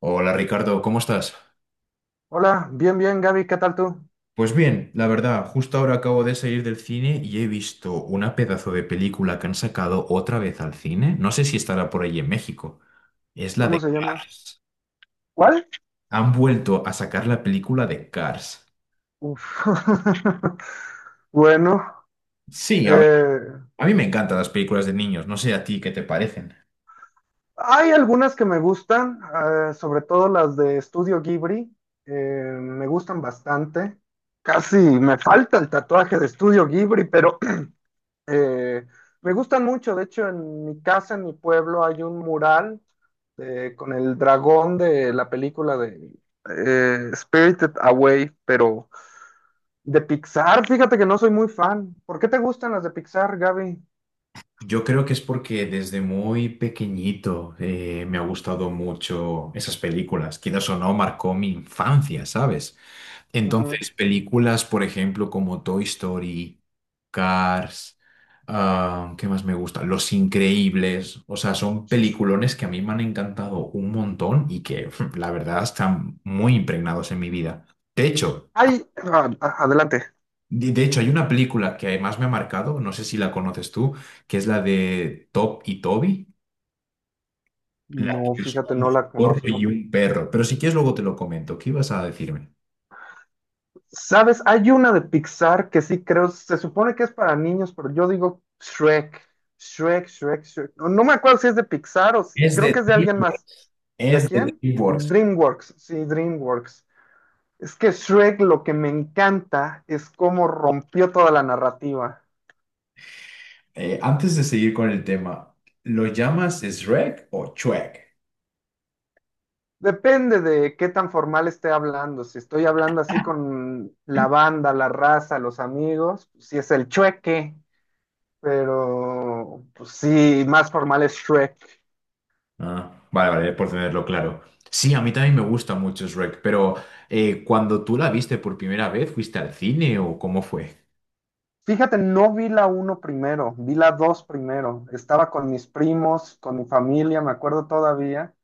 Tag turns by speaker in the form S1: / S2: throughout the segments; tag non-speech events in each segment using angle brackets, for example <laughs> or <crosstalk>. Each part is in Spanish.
S1: Hola Ricardo, ¿cómo estás?
S2: Hola, bien, bien, Gaby, ¿qué tal tú?
S1: Pues bien, la verdad, justo ahora acabo de salir del cine y he visto una pedazo de película que han sacado otra vez al cine. No sé si estará por ahí en México. Es la
S2: ¿Cómo
S1: de
S2: se llama?
S1: Cars.
S2: ¿Cuál?
S1: Han vuelto a sacar la película de Cars.
S2: Uf. <laughs> Bueno,
S1: Sí,
S2: eh,
S1: a mí me encantan las películas de niños. No sé a ti qué te parecen.
S2: Hay algunas que me gustan, sobre todo las de Estudio Ghibli. Me gustan bastante. Casi me falta el tatuaje de Estudio Ghibli, pero <clears throat> eh, me gustan mucho. De hecho, en mi casa, en mi pueblo, hay un mural con el dragón de la película de Spirited Away, pero de Pixar, fíjate que no soy muy fan. ¿Por qué te gustan las de Pixar, Gaby?
S1: Yo creo que es porque desde muy pequeñito me ha gustado mucho esas películas. Quizás o no, marcó mi infancia, ¿sabes?
S2: Ujú.
S1: Entonces, películas, por ejemplo, como Toy Story, Cars, ah, ¿qué más me gusta? Los Increíbles, o sea, son peliculones que a mí me han encantado un montón y que, <laughs> la verdad, están muy impregnados en mi vida. De hecho,
S2: Ay, adelante.
S1: de hecho, hay una película que además me ha marcado, no sé si la conoces tú, que es la de Top y Toby, la
S2: No,
S1: que es
S2: fíjate,
S1: un
S2: no la
S1: zorro
S2: conozco.
S1: y un perro. Pero si quieres, luego te lo comento. ¿Qué ibas a decirme?
S2: ¿Sabes? Hay una de Pixar que sí creo, se supone que es para niños, pero yo digo Shrek, Shrek, Shrek, Shrek. No, no me acuerdo si es de Pixar o si-
S1: Es
S2: creo que
S1: de
S2: es de alguien más.
S1: DreamWorks.
S2: ¿De
S1: Es de
S2: quién?
S1: DreamWorks.
S2: DreamWorks, sí, DreamWorks. Es que Shrek lo que me encanta es cómo rompió toda la narrativa.
S1: Antes de seguir con el tema, ¿lo llamas Shrek o Shrek?
S2: Depende de qué tan formal esté hablando. Si estoy hablando así con la banda, la raza, los amigos, si es el chueque, pero pues sí, más formal es Shrek.
S1: Ah, vale, vale, por tenerlo claro. Sí, a mí también me gusta mucho Shrek, pero cuando tú la viste por primera vez, ¿fuiste al cine o cómo fue?
S2: Fíjate, no vi la uno primero, vi la dos primero. Estaba con mis primos, con mi familia, me acuerdo todavía.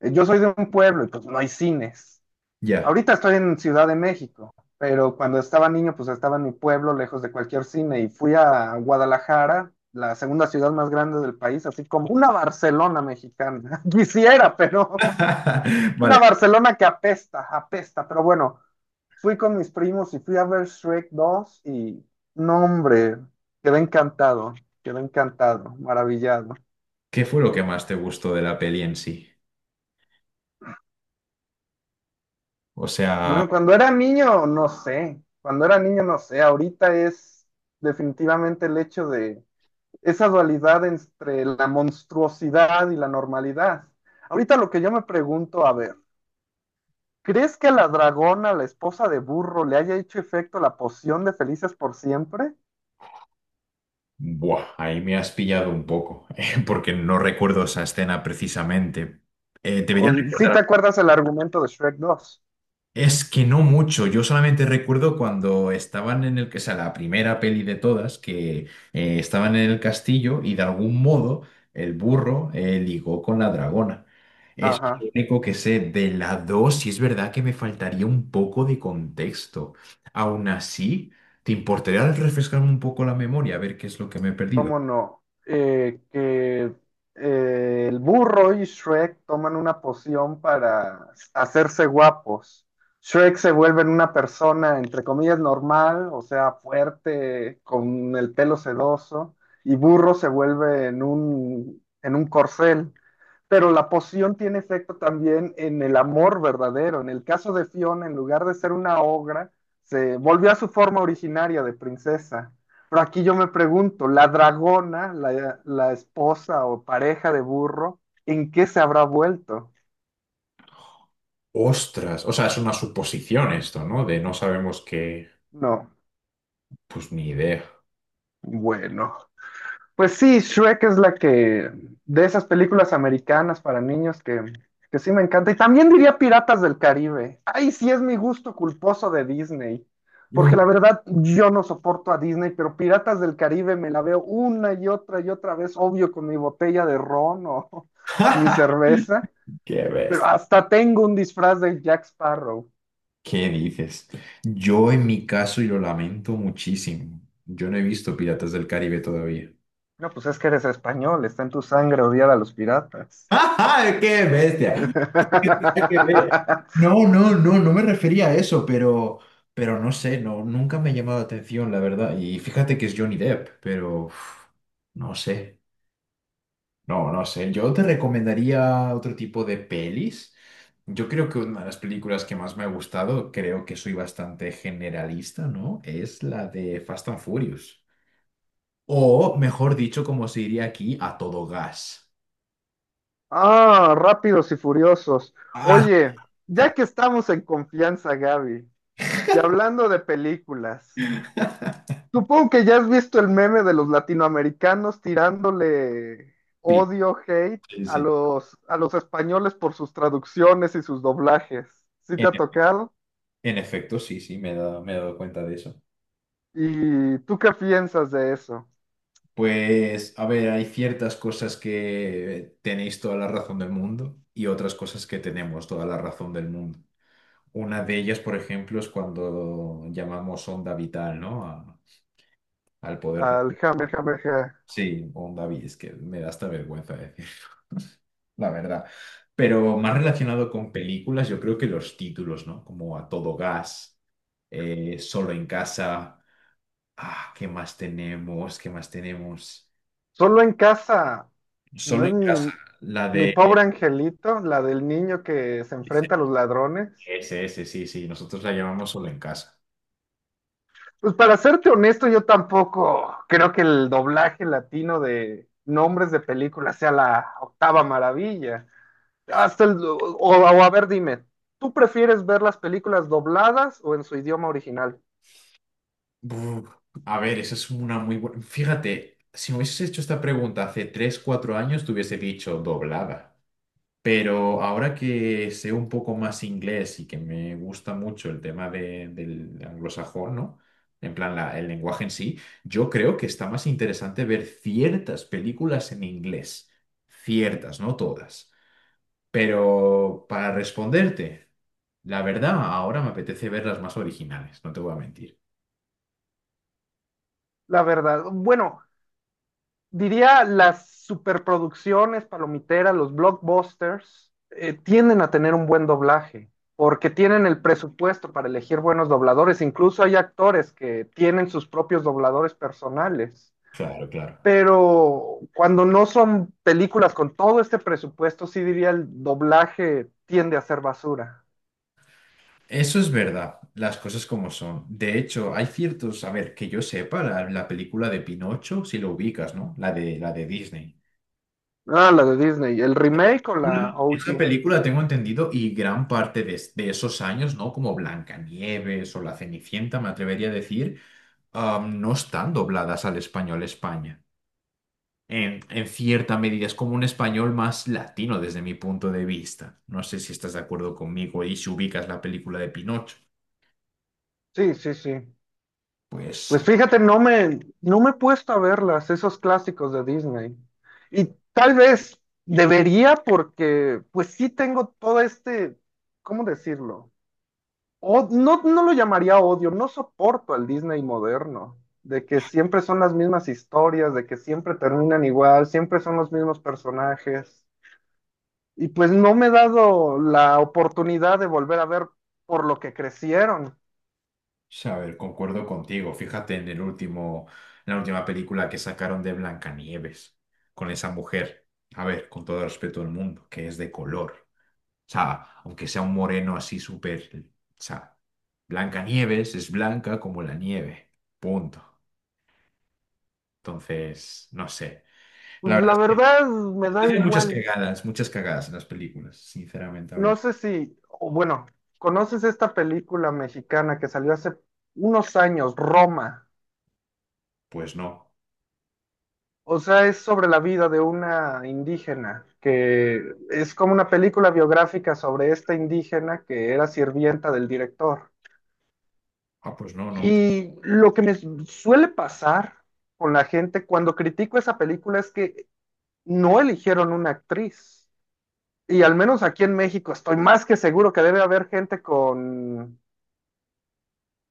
S2: Yo soy de un pueblo y pues no hay cines.
S1: Ya.
S2: Ahorita estoy en Ciudad de México, pero cuando estaba niño, pues estaba en mi pueblo, lejos de cualquier cine, y fui a Guadalajara, la segunda ciudad más grande del país, así como una Barcelona mexicana. <laughs> Quisiera, pero
S1: <laughs> Vale,
S2: una Barcelona que apesta, apesta. Pero bueno, fui con mis primos y fui a ver Shrek 2 y no, hombre, quedé encantado, quedé encantado, maravillado.
S1: ¿qué fue lo que más te gustó de la peli en sí? O sea,
S2: Bueno, cuando era niño, no sé, cuando era niño, no sé, ahorita es definitivamente el hecho de esa dualidad entre la monstruosidad y la normalidad. Ahorita lo que yo me pregunto, a ver, ¿crees que a la dragona, la esposa de burro, le haya hecho efecto la poción de felices por siempre?
S1: buah, ahí me has pillado un poco, <laughs> porque no recuerdo esa escena precisamente. Debería
S2: ¿O, ¿sí te
S1: recordar.
S2: acuerdas el argumento de Shrek dos?
S1: Es que no mucho, yo solamente recuerdo cuando estaban en el, que o sea, la primera peli de todas, que estaban en el castillo y de algún modo el burro ligó con la dragona. Es lo
S2: Ajá.
S1: único que sé de la 2 y es verdad que me faltaría un poco de contexto. Aún así, ¿te importaría refrescarme un poco la memoria a ver qué es lo que me he perdido?
S2: ¿Cómo no? Que El burro y Shrek toman una poción para hacerse guapos. Shrek se vuelve en una persona, entre comillas, normal, o sea, fuerte, con el pelo sedoso, y burro se vuelve en un corcel. Pero la poción tiene efecto también en el amor verdadero. En el caso de Fiona, en lugar de ser una ogra, se volvió a su forma originaria de princesa. Pero aquí yo me pregunto, la dragona, la esposa o pareja de burro, ¿en qué se habrá vuelto?
S1: Ostras, o sea, es una suposición esto, ¿no? De no sabemos qué,
S2: No,
S1: pues ni idea.
S2: bueno. Pues sí, Shrek es la que, de esas películas americanas para niños que sí me encanta. Y también diría Piratas del Caribe. Ay, sí es mi gusto culposo de Disney.
S1: Uh.
S2: Porque la verdad, yo no soporto a Disney, pero Piratas del Caribe me la veo una y otra vez, obvio, con mi botella de ron o mi cerveza.
S1: <laughs> ¡Qué
S2: Pero
S1: bestia!
S2: hasta tengo un disfraz de Jack Sparrow.
S1: ¿Qué dices? Yo en mi caso, y lo lamento muchísimo, yo no he visto Piratas del Caribe todavía.
S2: No, pues es que eres español, está en tu sangre odiar a los
S1: <laughs>
S2: piratas.
S1: ¡Ah, qué bestia! ¡Qué bestia!
S2: <laughs>
S1: No, no, no, me refería a eso, pero no sé, no, nunca me ha llamado la atención, la verdad. Y fíjate que es Johnny Depp, pero uf, no sé, no, no sé. Yo te recomendaría otro tipo de pelis. Yo creo que una de las películas que más me ha gustado, creo que soy bastante generalista, ¿no? Es la de Fast and Furious. O, mejor dicho, como se diría aquí, a todo gas.
S2: Ah, rápidos y furiosos.
S1: Ah,
S2: Oye, ya
S1: claro,
S2: que estamos en confianza, Gaby, y hablando de películas, supongo que ya has visto el meme de los latinoamericanos tirándole
S1: sí,
S2: odio, hate
S1: sí, sí.
S2: a los españoles por sus traducciones y sus doblajes. ¿Sí te
S1: En,
S2: ha tocado?
S1: en efecto, sí, sí, me he dado cuenta de eso.
S2: ¿Y tú qué piensas de eso?
S1: Pues, a ver, hay ciertas cosas que tenéis toda la razón del mundo y otras cosas que tenemos toda la razón del mundo. Una de ellas, por ejemplo, es cuando llamamos onda vital, ¿no? A- al poder
S2: Al
S1: de...
S2: Hammer, Hammer, Hammer.
S1: Sí, onda vital, es que me da hasta vergüenza decir. La verdad. Pero más relacionado con películas, yo creo que los títulos, ¿no? Como A Todo Gas, Solo en Casa. Ah, ¿qué más tenemos? ¿Qué más tenemos?
S2: Solo en casa. No
S1: Solo
S2: es
S1: en Casa,
S2: mi,
S1: la
S2: mi
S1: de
S2: pobre angelito, la del niño que se enfrenta a los ladrones.
S1: sí, sí, nosotros la llamamos Solo en Casa.
S2: Pues para serte honesto, yo tampoco creo que el doblaje latino de nombres de películas sea la octava maravilla. Hasta el, o a ver, dime, ¿tú prefieres ver las películas dobladas o en su idioma original?
S1: Buf, a ver, esa es una muy buena. Fíjate, si me hubieses hecho esta pregunta hace 3 4 años, te hubiese dicho doblada. Pero ahora que sé un poco más inglés y que me gusta mucho el tema de- del anglosajón, ¿no? En plan, la- el lenguaje en sí, yo creo que está más interesante ver ciertas películas en inglés. Ciertas, no todas. Pero para responderte, la verdad, ahora me apetece ver las más originales, no te voy a mentir.
S2: La verdad, bueno, diría las superproducciones palomiteras, los blockbusters, tienden a tener un buen doblaje, porque tienen el presupuesto para elegir buenos dobladores. Incluso hay actores que tienen sus propios dobladores personales.
S1: Claro, claro.
S2: Pero cuando no son películas con todo este presupuesto, sí diría el doblaje tiende a ser basura.
S1: Eso es verdad, las cosas como son. De hecho, hay ciertos, a ver, que yo sepa, la película de Pinocho, si lo ubicas, ¿no? La de Disney.
S2: Ah, la de Disney. ¿El remake o la
S1: Mm. Esa
S2: OG?
S1: película, tengo entendido, y gran parte de, es- de esos años, ¿no? Como Blancanieves o La Cenicienta, me atrevería a decir, no están dobladas al español España. En cierta medida, es como un español más latino desde mi punto de vista. No sé si estás de acuerdo conmigo y si ubicas la película de Pinocho.
S2: Sí, sí, sí.
S1: Pues
S2: Pues fíjate, no me he puesto a verlas, esos clásicos de Disney. Y tal vez debería porque pues sí tengo todo este, ¿cómo decirlo? O, no, no lo llamaría odio, no soporto al Disney moderno, de que siempre son las mismas historias, de que siempre terminan igual, siempre son los mismos personajes. Y pues no me he dado la oportunidad de volver a ver por lo que crecieron.
S1: sí, a ver, concuerdo contigo. Fíjate en el último, en la última película que sacaron de Blancanieves, con esa mujer, a ver, con todo el respeto del mundo, que es de color. O sea, aunque sea un moreno así súper, o sea, Blancanieves es blanca como la nieve. Punto. Entonces, no sé. La
S2: Pues
S1: verdad
S2: la verdad me
S1: es
S2: da
S1: que hay
S2: igual.
S1: muchas cagadas en las películas, sinceramente
S2: No
S1: hablando.
S2: sé si, o bueno, ¿conoces esta película mexicana que salió hace unos años, Roma?
S1: Pues no.
S2: O sea, es sobre la vida de una indígena, que es como una película biográfica sobre esta indígena que era sirvienta del director.
S1: Ah, pues no, no me.
S2: Y lo que me suele pasar con la gente cuando critico esa película es que no eligieron una actriz. Y al menos aquí en México estoy más que seguro que debe haber gente con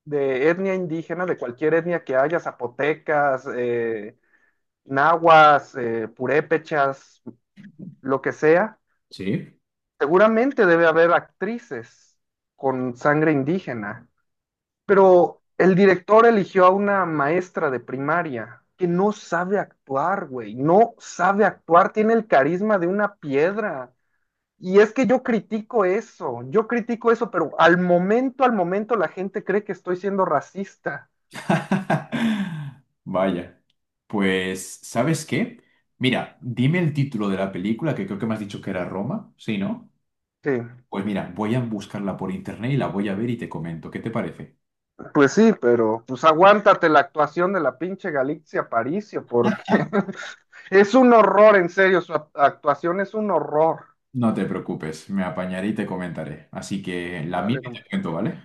S2: de etnia indígena, de cualquier etnia que haya, zapotecas, nahuas, purépechas, lo que sea,
S1: ¿Sí?
S2: seguramente debe haber actrices con sangre indígena. Pero el director eligió a una maestra de primaria que no sabe actuar, güey, no sabe actuar, tiene el carisma de una piedra. Y es que yo critico eso, pero al momento la gente cree que estoy siendo racista.
S1: <laughs> Vaya. Pues, ¿sabes qué? Mira, dime el título de la película, que creo que me has dicho que era Roma, ¿sí, no?
S2: Sí.
S1: Pues mira, voy a buscarla por internet y la voy a ver y te comento. ¿Qué te parece?
S2: Pues sí, pero pues aguántate la actuación de la pinche Galicia Paricio, porque <laughs> es un horror, en serio, su actuación es un horror.
S1: No te preocupes, me apañaré y te comentaré. Así que la mía
S2: Dale
S1: y te
S2: nomás.
S1: cuento, ¿vale?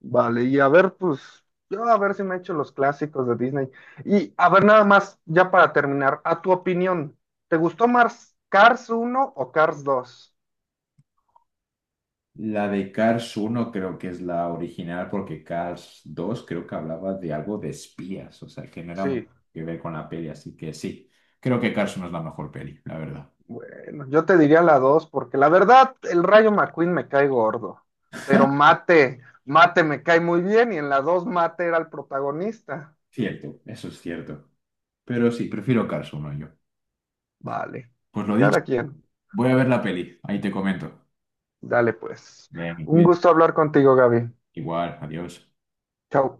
S2: Vale, y a ver, pues, yo a ver si me echo los clásicos de Disney. Y a ver, nada más, ya para terminar, a tu opinión, ¿te gustó más Cars uno o Cars 2?
S1: La de Cars uno creo que es la original porque Cars dos creo que hablaba de algo de espías, o sea, que no era
S2: Sí.
S1: que ver con la peli, así que sí, creo que Cars uno es la mejor peli, la verdad.
S2: Bueno, yo te diría la 2 porque la verdad, el Rayo McQueen me cae gordo, pero Mate, Mate me cae muy bien y en la 2 Mate era el protagonista.
S1: Cierto, eso es cierto. Pero sí, prefiero Cars uno yo.
S2: Vale,
S1: Pues lo dicho,
S2: cada quien.
S1: voy a ver la peli, ahí te comento.
S2: Dale pues.
S1: Bien,
S2: Un
S1: cuida-
S2: gusto hablar contigo, Gaby.
S1: Igual, adiós.
S2: Chao.